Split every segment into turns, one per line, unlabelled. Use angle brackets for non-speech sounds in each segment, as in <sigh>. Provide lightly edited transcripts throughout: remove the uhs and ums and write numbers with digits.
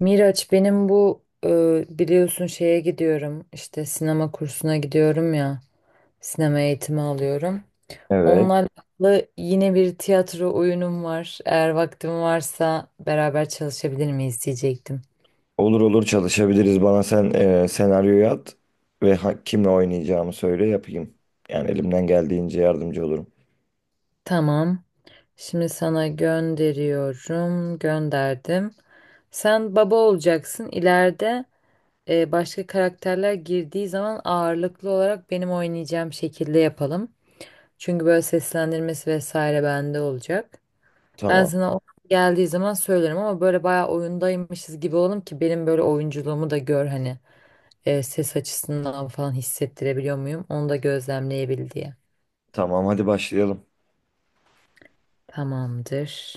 Miraç, benim bu biliyorsun şeye gidiyorum işte, sinema kursuna gidiyorum ya, sinema eğitimi alıyorum.
Evet.
Onlarla yine bir tiyatro oyunum var. Eğer vaktim varsa beraber çalışabilir miyiz diyecektim.
Olur olur çalışabiliriz. Bana sen senaryoyu at ve kimle oynayacağımı söyle yapayım. Yani elimden geldiğince yardımcı olurum.
Tamam. Şimdi sana gönderiyorum. Gönderdim. Sen baba olacaksın. İleride başka karakterler girdiği zaman ağırlıklı olarak benim oynayacağım şekilde yapalım. Çünkü böyle seslendirmesi vesaire bende olacak. Ben
Tamam.
sana o geldiği zaman söylerim, ama böyle bayağı oyundaymışız gibi olalım ki benim böyle oyunculuğumu da gör hani, ses açısından falan hissettirebiliyor muyum? Onu da gözlemleyebil diye.
Tamam hadi başlayalım.
Tamamdır.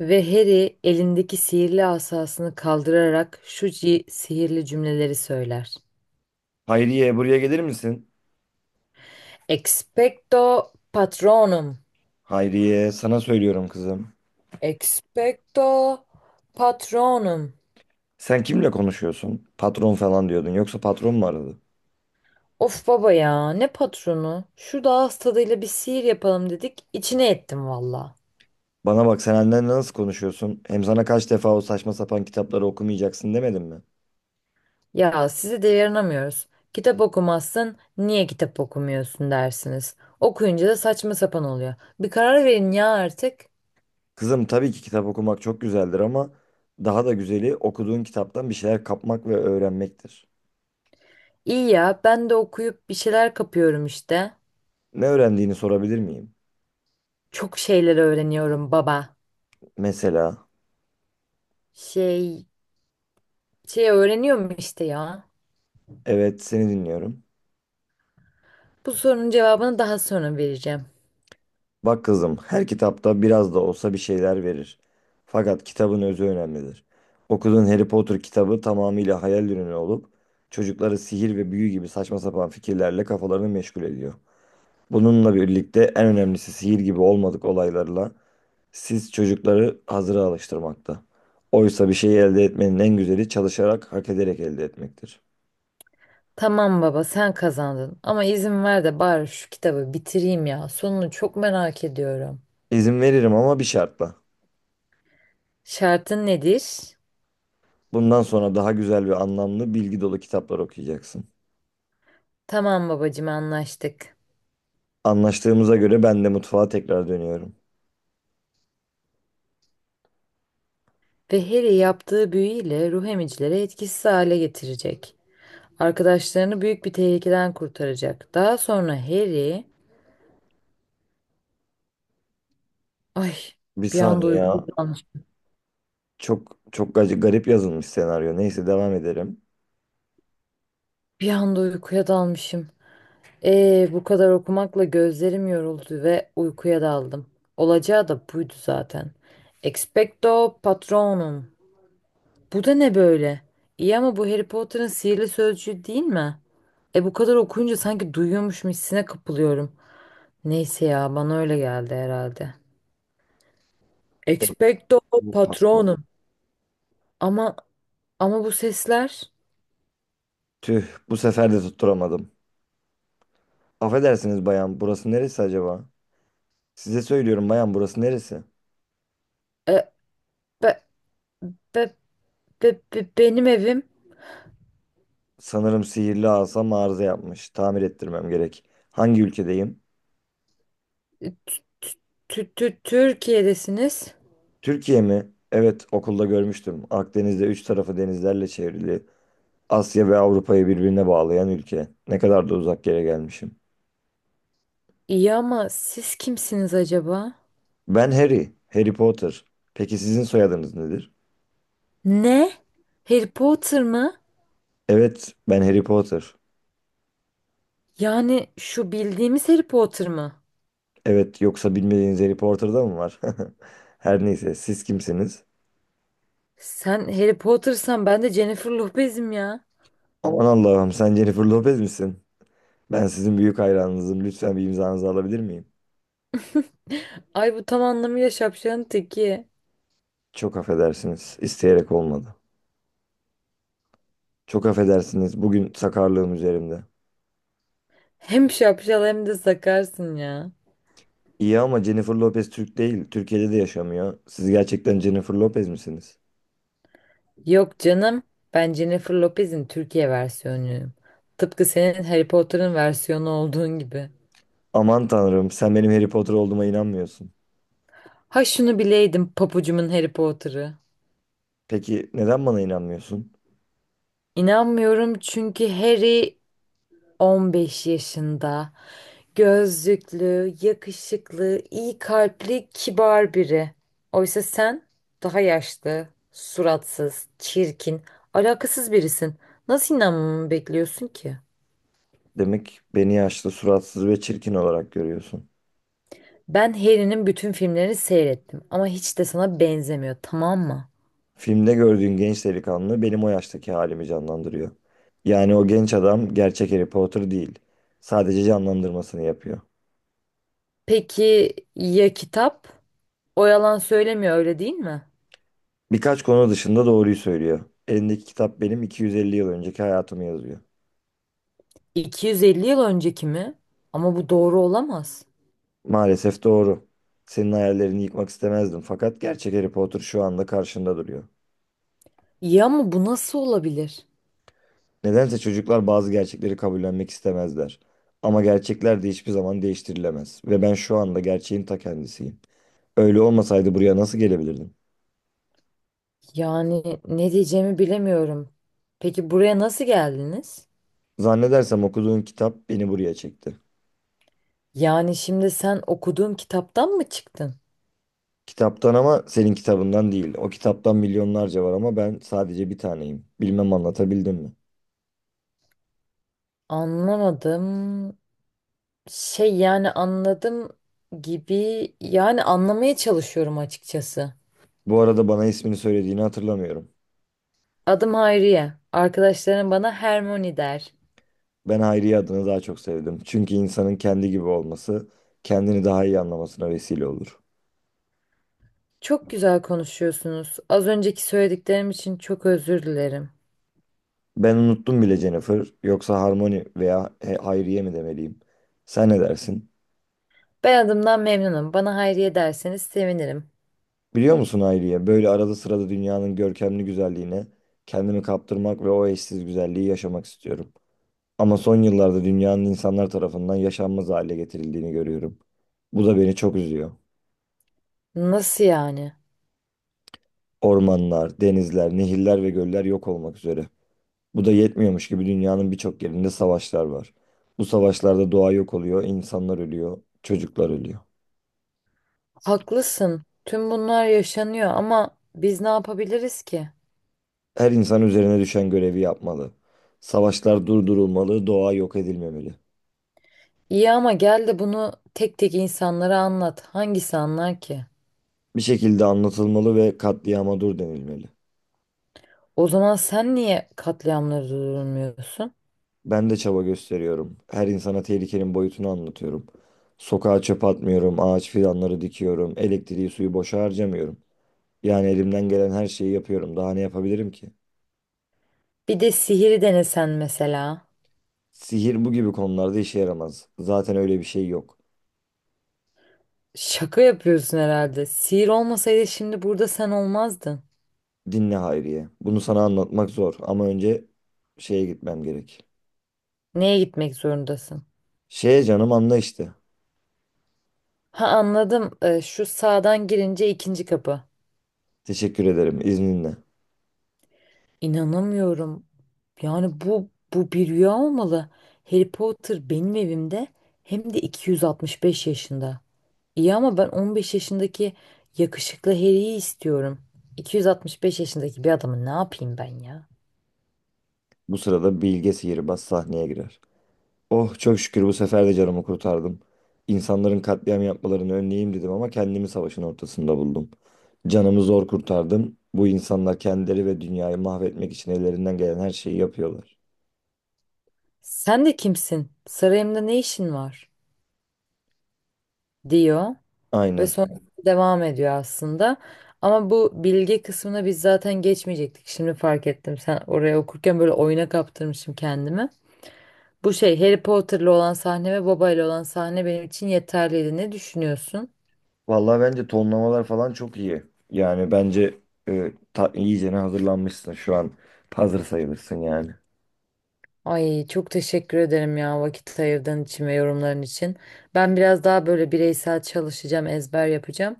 Ve Harry elindeki sihirli asasını kaldırarak şu sihirli cümleleri söyler.
Hayriye buraya gelir misin?
Expecto patronum.
Hayriye sana söylüyorum kızım.
Expecto patronum.
Sen kimle konuşuyorsun? Patron falan diyordun. Yoksa patron mu aradı?
Of baba ya, ne patronu? Şu ağız tadıyla bir sihir yapalım dedik, içine ettim valla.
Bana bak sen annenle nasıl konuşuyorsun? Hem sana kaç defa o saçma sapan kitapları okumayacaksın demedim mi?
Ya, size de yaranamıyoruz. Kitap okumazsın, niye kitap okumuyorsun dersiniz. Okuyunca da saçma sapan oluyor. Bir karar verin ya artık.
Kızım tabii ki kitap okumak çok güzeldir ama daha da güzeli okuduğun kitaptan bir şeyler kapmak ve öğrenmektir.
İyi ya, ben de okuyup bir şeyler kapıyorum işte.
Ne öğrendiğini sorabilir miyim?
Çok şeyler öğreniyorum baba.
Mesela,
Şey, şey öğreniyorum işte ya.
evet seni dinliyorum.
Bu sorunun cevabını daha sonra vereceğim.
Bak kızım, her kitapta biraz da olsa bir şeyler verir. Fakat kitabın özü önemlidir. Okuduğun Harry Potter kitabı tamamıyla hayal ürünü olup çocukları sihir ve büyü gibi saçma sapan fikirlerle kafalarını meşgul ediyor. Bununla birlikte en önemlisi sihir gibi olmadık olaylarla siz çocukları hazıra alıştırmakta. Oysa bir şeyi elde etmenin en güzeli çalışarak, hak ederek elde etmektir.
Tamam baba, sen kazandın, ama izin ver de bari şu kitabı bitireyim ya. Sonunu çok merak ediyorum.
İzin veririm ama bir şartla.
Şartın nedir?
Bundan sonra daha güzel ve anlamlı, bilgi dolu kitaplar okuyacaksın.
Tamam babacığım, anlaştık.
Anlaştığımıza göre ben de mutfağa tekrar dönüyorum.
Ve Harry yaptığı büyüyle ruh emicileri etkisiz hale getirecek. Arkadaşlarını büyük bir tehlikeden kurtaracak. Daha sonra Harry... Ay,
Bir
bir anda
saniye
uykuya
ya.
dalmışım.
Çok çok garip yazılmış senaryo. Neyse devam edelim.
Bir anda uykuya dalmışım. Bu kadar okumakla gözlerim yoruldu ve uykuya daldım. Olacağı da buydu zaten. Expecto Patronum. Bu da ne böyle? İyi ama bu Harry Potter'ın sihirli sözcüğü değil mi? E, bu kadar okuyunca sanki duyuyormuşum hissine kapılıyorum. Neyse ya, bana öyle geldi herhalde.
Peki,
Expecto
bu patladı.
Patronum. Ama, ama bu sesler...
Tüh, bu sefer de tutturamadım. Affedersiniz bayan, burası neresi acaba? Size söylüyorum bayan, burası neresi?
e, be, be, benim evim.
Sanırım sihirli asam arıza yapmış. Tamir ettirmem gerek. Hangi ülkedeyim?
Tü- Türkiye'desiniz.
Türkiye mi? Evet, okulda görmüştüm. Akdeniz'de üç tarafı denizlerle çevrili. Asya ve Avrupa'yı birbirine bağlayan ülke. Ne kadar da uzak yere gelmişim.
İyi ama siz kimsiniz acaba?
Ben Harry, Harry Potter. Peki sizin soyadınız nedir?
Ne? Harry Potter mı?
Evet, ben Harry Potter.
Yani şu bildiğimiz Harry Potter mı?
Evet, yoksa bilmediğiniz Harry Potter'da mı var? <laughs> Her neyse, siz kimsiniz?
Sen Harry Potter'san ben de Jennifer Lopez'im ya.
Aman Allah'ım, sen Jennifer Lopez misin? Ben sizin büyük hayranınızım. Lütfen bir imzanızı alabilir miyim?
Ay, bu tam anlamıyla şapşalın teki.
Çok affedersiniz. İsteyerek olmadı. Çok affedersiniz. Bugün sakarlığım üzerimde.
Hem şapşal hem de sakarsın ya.
İyi ama Jennifer Lopez Türk değil. Türkiye'de de yaşamıyor. Siz gerçekten Jennifer Lopez misiniz?
Yok canım. Ben Jennifer Lopez'in Türkiye versiyonuyum. Tıpkı senin Harry Potter'ın versiyonu olduğun gibi.
Aman tanrım, sen benim Harry Potter olduğuma inanmıyorsun.
Ha, şunu bileydim papucumun Harry Potter'ı.
Peki neden bana inanmıyorsun?
İnanmıyorum çünkü Harry 15 yaşında. Gözlüklü, yakışıklı, iyi kalpli, kibar biri. Oysa sen daha yaşlı, suratsız, çirkin, alakasız birisin. Nasıl inanmamı bekliyorsun ki?
Demek beni yaşlı, suratsız ve çirkin olarak görüyorsun.
Ben Harry'nin bütün filmlerini seyrettim ama hiç de sana benzemiyor, tamam mı?
Filmde gördüğün genç delikanlı benim o yaştaki halimi canlandırıyor. Yani o genç adam gerçek Harry Potter değil. Sadece canlandırmasını yapıyor.
Peki ya kitap? O yalan söylemiyor, öyle değil mi?
Birkaç konu dışında doğruyu söylüyor. Elindeki kitap benim 250 yıl önceki hayatımı yazıyor.
250 yıl önceki mi? Ama bu doğru olamaz.
Maalesef doğru. Senin hayallerini yıkmak istemezdim fakat gerçek Harry Potter şu anda karşında duruyor.
Ya ama bu nasıl olabilir?
Nedense çocuklar bazı gerçekleri kabullenmek istemezler. Ama gerçekler de hiçbir zaman değiştirilemez ve ben şu anda gerçeğin ta kendisiyim. Öyle olmasaydı buraya nasıl gelebilirdim?
Yani ne diyeceğimi bilemiyorum. Peki buraya nasıl geldiniz?
Zannedersem okuduğun kitap beni buraya çekti.
Yani şimdi sen okuduğum kitaptan mı çıktın?
Kitaptan ama senin kitabından değil. O kitaptan milyonlarca var ama ben sadece bir taneyim. Bilmem anlatabildim mi?
Anlamadım. Şey, yani anladım gibi, yani anlamaya çalışıyorum açıkçası.
Bu arada bana ismini söylediğini hatırlamıyorum.
Adım Hayriye. Arkadaşlarım bana Hermione der.
Ben Hayriye adını daha çok sevdim. Çünkü insanın kendi gibi olması kendini daha iyi anlamasına vesile olur.
Çok güzel konuşuyorsunuz. Az önceki söylediklerim için çok özür dilerim.
Ben unuttum bile Jennifer. Yoksa Harmony veya Hayriye mi demeliyim? Sen ne dersin?
Ben adımdan memnunum. Bana Hayriye derseniz sevinirim.
Biliyor musun Hayriye, böyle arada sırada dünyanın görkemli güzelliğine kendimi kaptırmak ve o eşsiz güzelliği yaşamak istiyorum. Ama son yıllarda dünyanın insanlar tarafından yaşanmaz hale getirildiğini görüyorum. Bu da beni çok üzüyor.
Nasıl yani?
Ormanlar, denizler, nehirler ve göller yok olmak üzere. Bu da yetmiyormuş gibi dünyanın birçok yerinde savaşlar var. Bu savaşlarda doğa yok oluyor, insanlar ölüyor, çocuklar ölüyor.
Haklısın. Tüm bunlar yaşanıyor ama biz ne yapabiliriz ki?
Her insan üzerine düşen görevi yapmalı. Savaşlar durdurulmalı, doğa yok edilmemeli.
İyi ama gel de bunu tek tek insanlara anlat. Hangisi anlar ki?
Bir şekilde anlatılmalı ve katliama dur denilmeli.
O zaman sen niye katliamları durdurmuyorsun?
Ben de çaba gösteriyorum. Her insana tehlikenin boyutunu anlatıyorum. Sokağa çöp atmıyorum, ağaç fidanları dikiyorum, elektriği suyu boşa harcamıyorum. Yani elimden gelen her şeyi yapıyorum. Daha ne yapabilirim ki?
Bir de sihiri denesen mesela.
Sihir bu gibi konularda işe yaramaz. Zaten öyle bir şey yok.
Şaka yapıyorsun herhalde. Sihir olmasaydı şimdi burada sen olmazdın.
Dinle Hayriye. Bunu sana anlatmak zor ama önce şeye gitmem gerek.
Neye gitmek zorundasın?
Şeye canım anla işte.
Ha, anladım. Şu sağdan girince ikinci kapı.
Teşekkür ederim izninle.
İnanamıyorum. Yani bu bir rüya olmalı. Harry Potter benim evimde, hem de 265 yaşında. İyi ama ben 15 yaşındaki yakışıklı Harry'yi istiyorum. 265 yaşındaki bir adamı ne yapayım ben ya?
Bu sırada Bilge Sihirbaz sahneye girer. Oh çok şükür bu sefer de canımı kurtardım. İnsanların katliam yapmalarını önleyeyim dedim ama kendimi savaşın ortasında buldum. Canımı zor kurtardım. Bu insanlar kendileri ve dünyayı mahvetmek için ellerinden gelen her şeyi yapıyorlar.
Sen de kimsin? Sarayımda ne işin var? Diyor ve
Aynen.
sonra devam ediyor aslında. Ama bu bilgi kısmına biz zaten geçmeyecektik. Şimdi fark ettim. Sen oraya okurken böyle oyuna kaptırmışım kendimi. Bu şey, Harry Potter'lı olan sahne ve babayla olan sahne benim için yeterliydi. Ne düşünüyorsun?
Vallahi bence tonlamalar falan çok iyi. Yani bence iyicene hazırlanmışsın şu an. Hazır sayılırsın yani.
Ay çok teşekkür ederim ya, vakit ayırdığın için ve yorumların için. Ben biraz daha böyle bireysel çalışacağım, ezber yapacağım.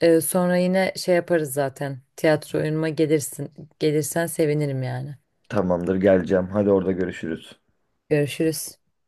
Sonra yine şey yaparız zaten. Tiyatro oyunuma gelirsin. Gelirsen sevinirim yani.
Tamamdır geleceğim. Hadi orada görüşürüz.
Görüşürüz.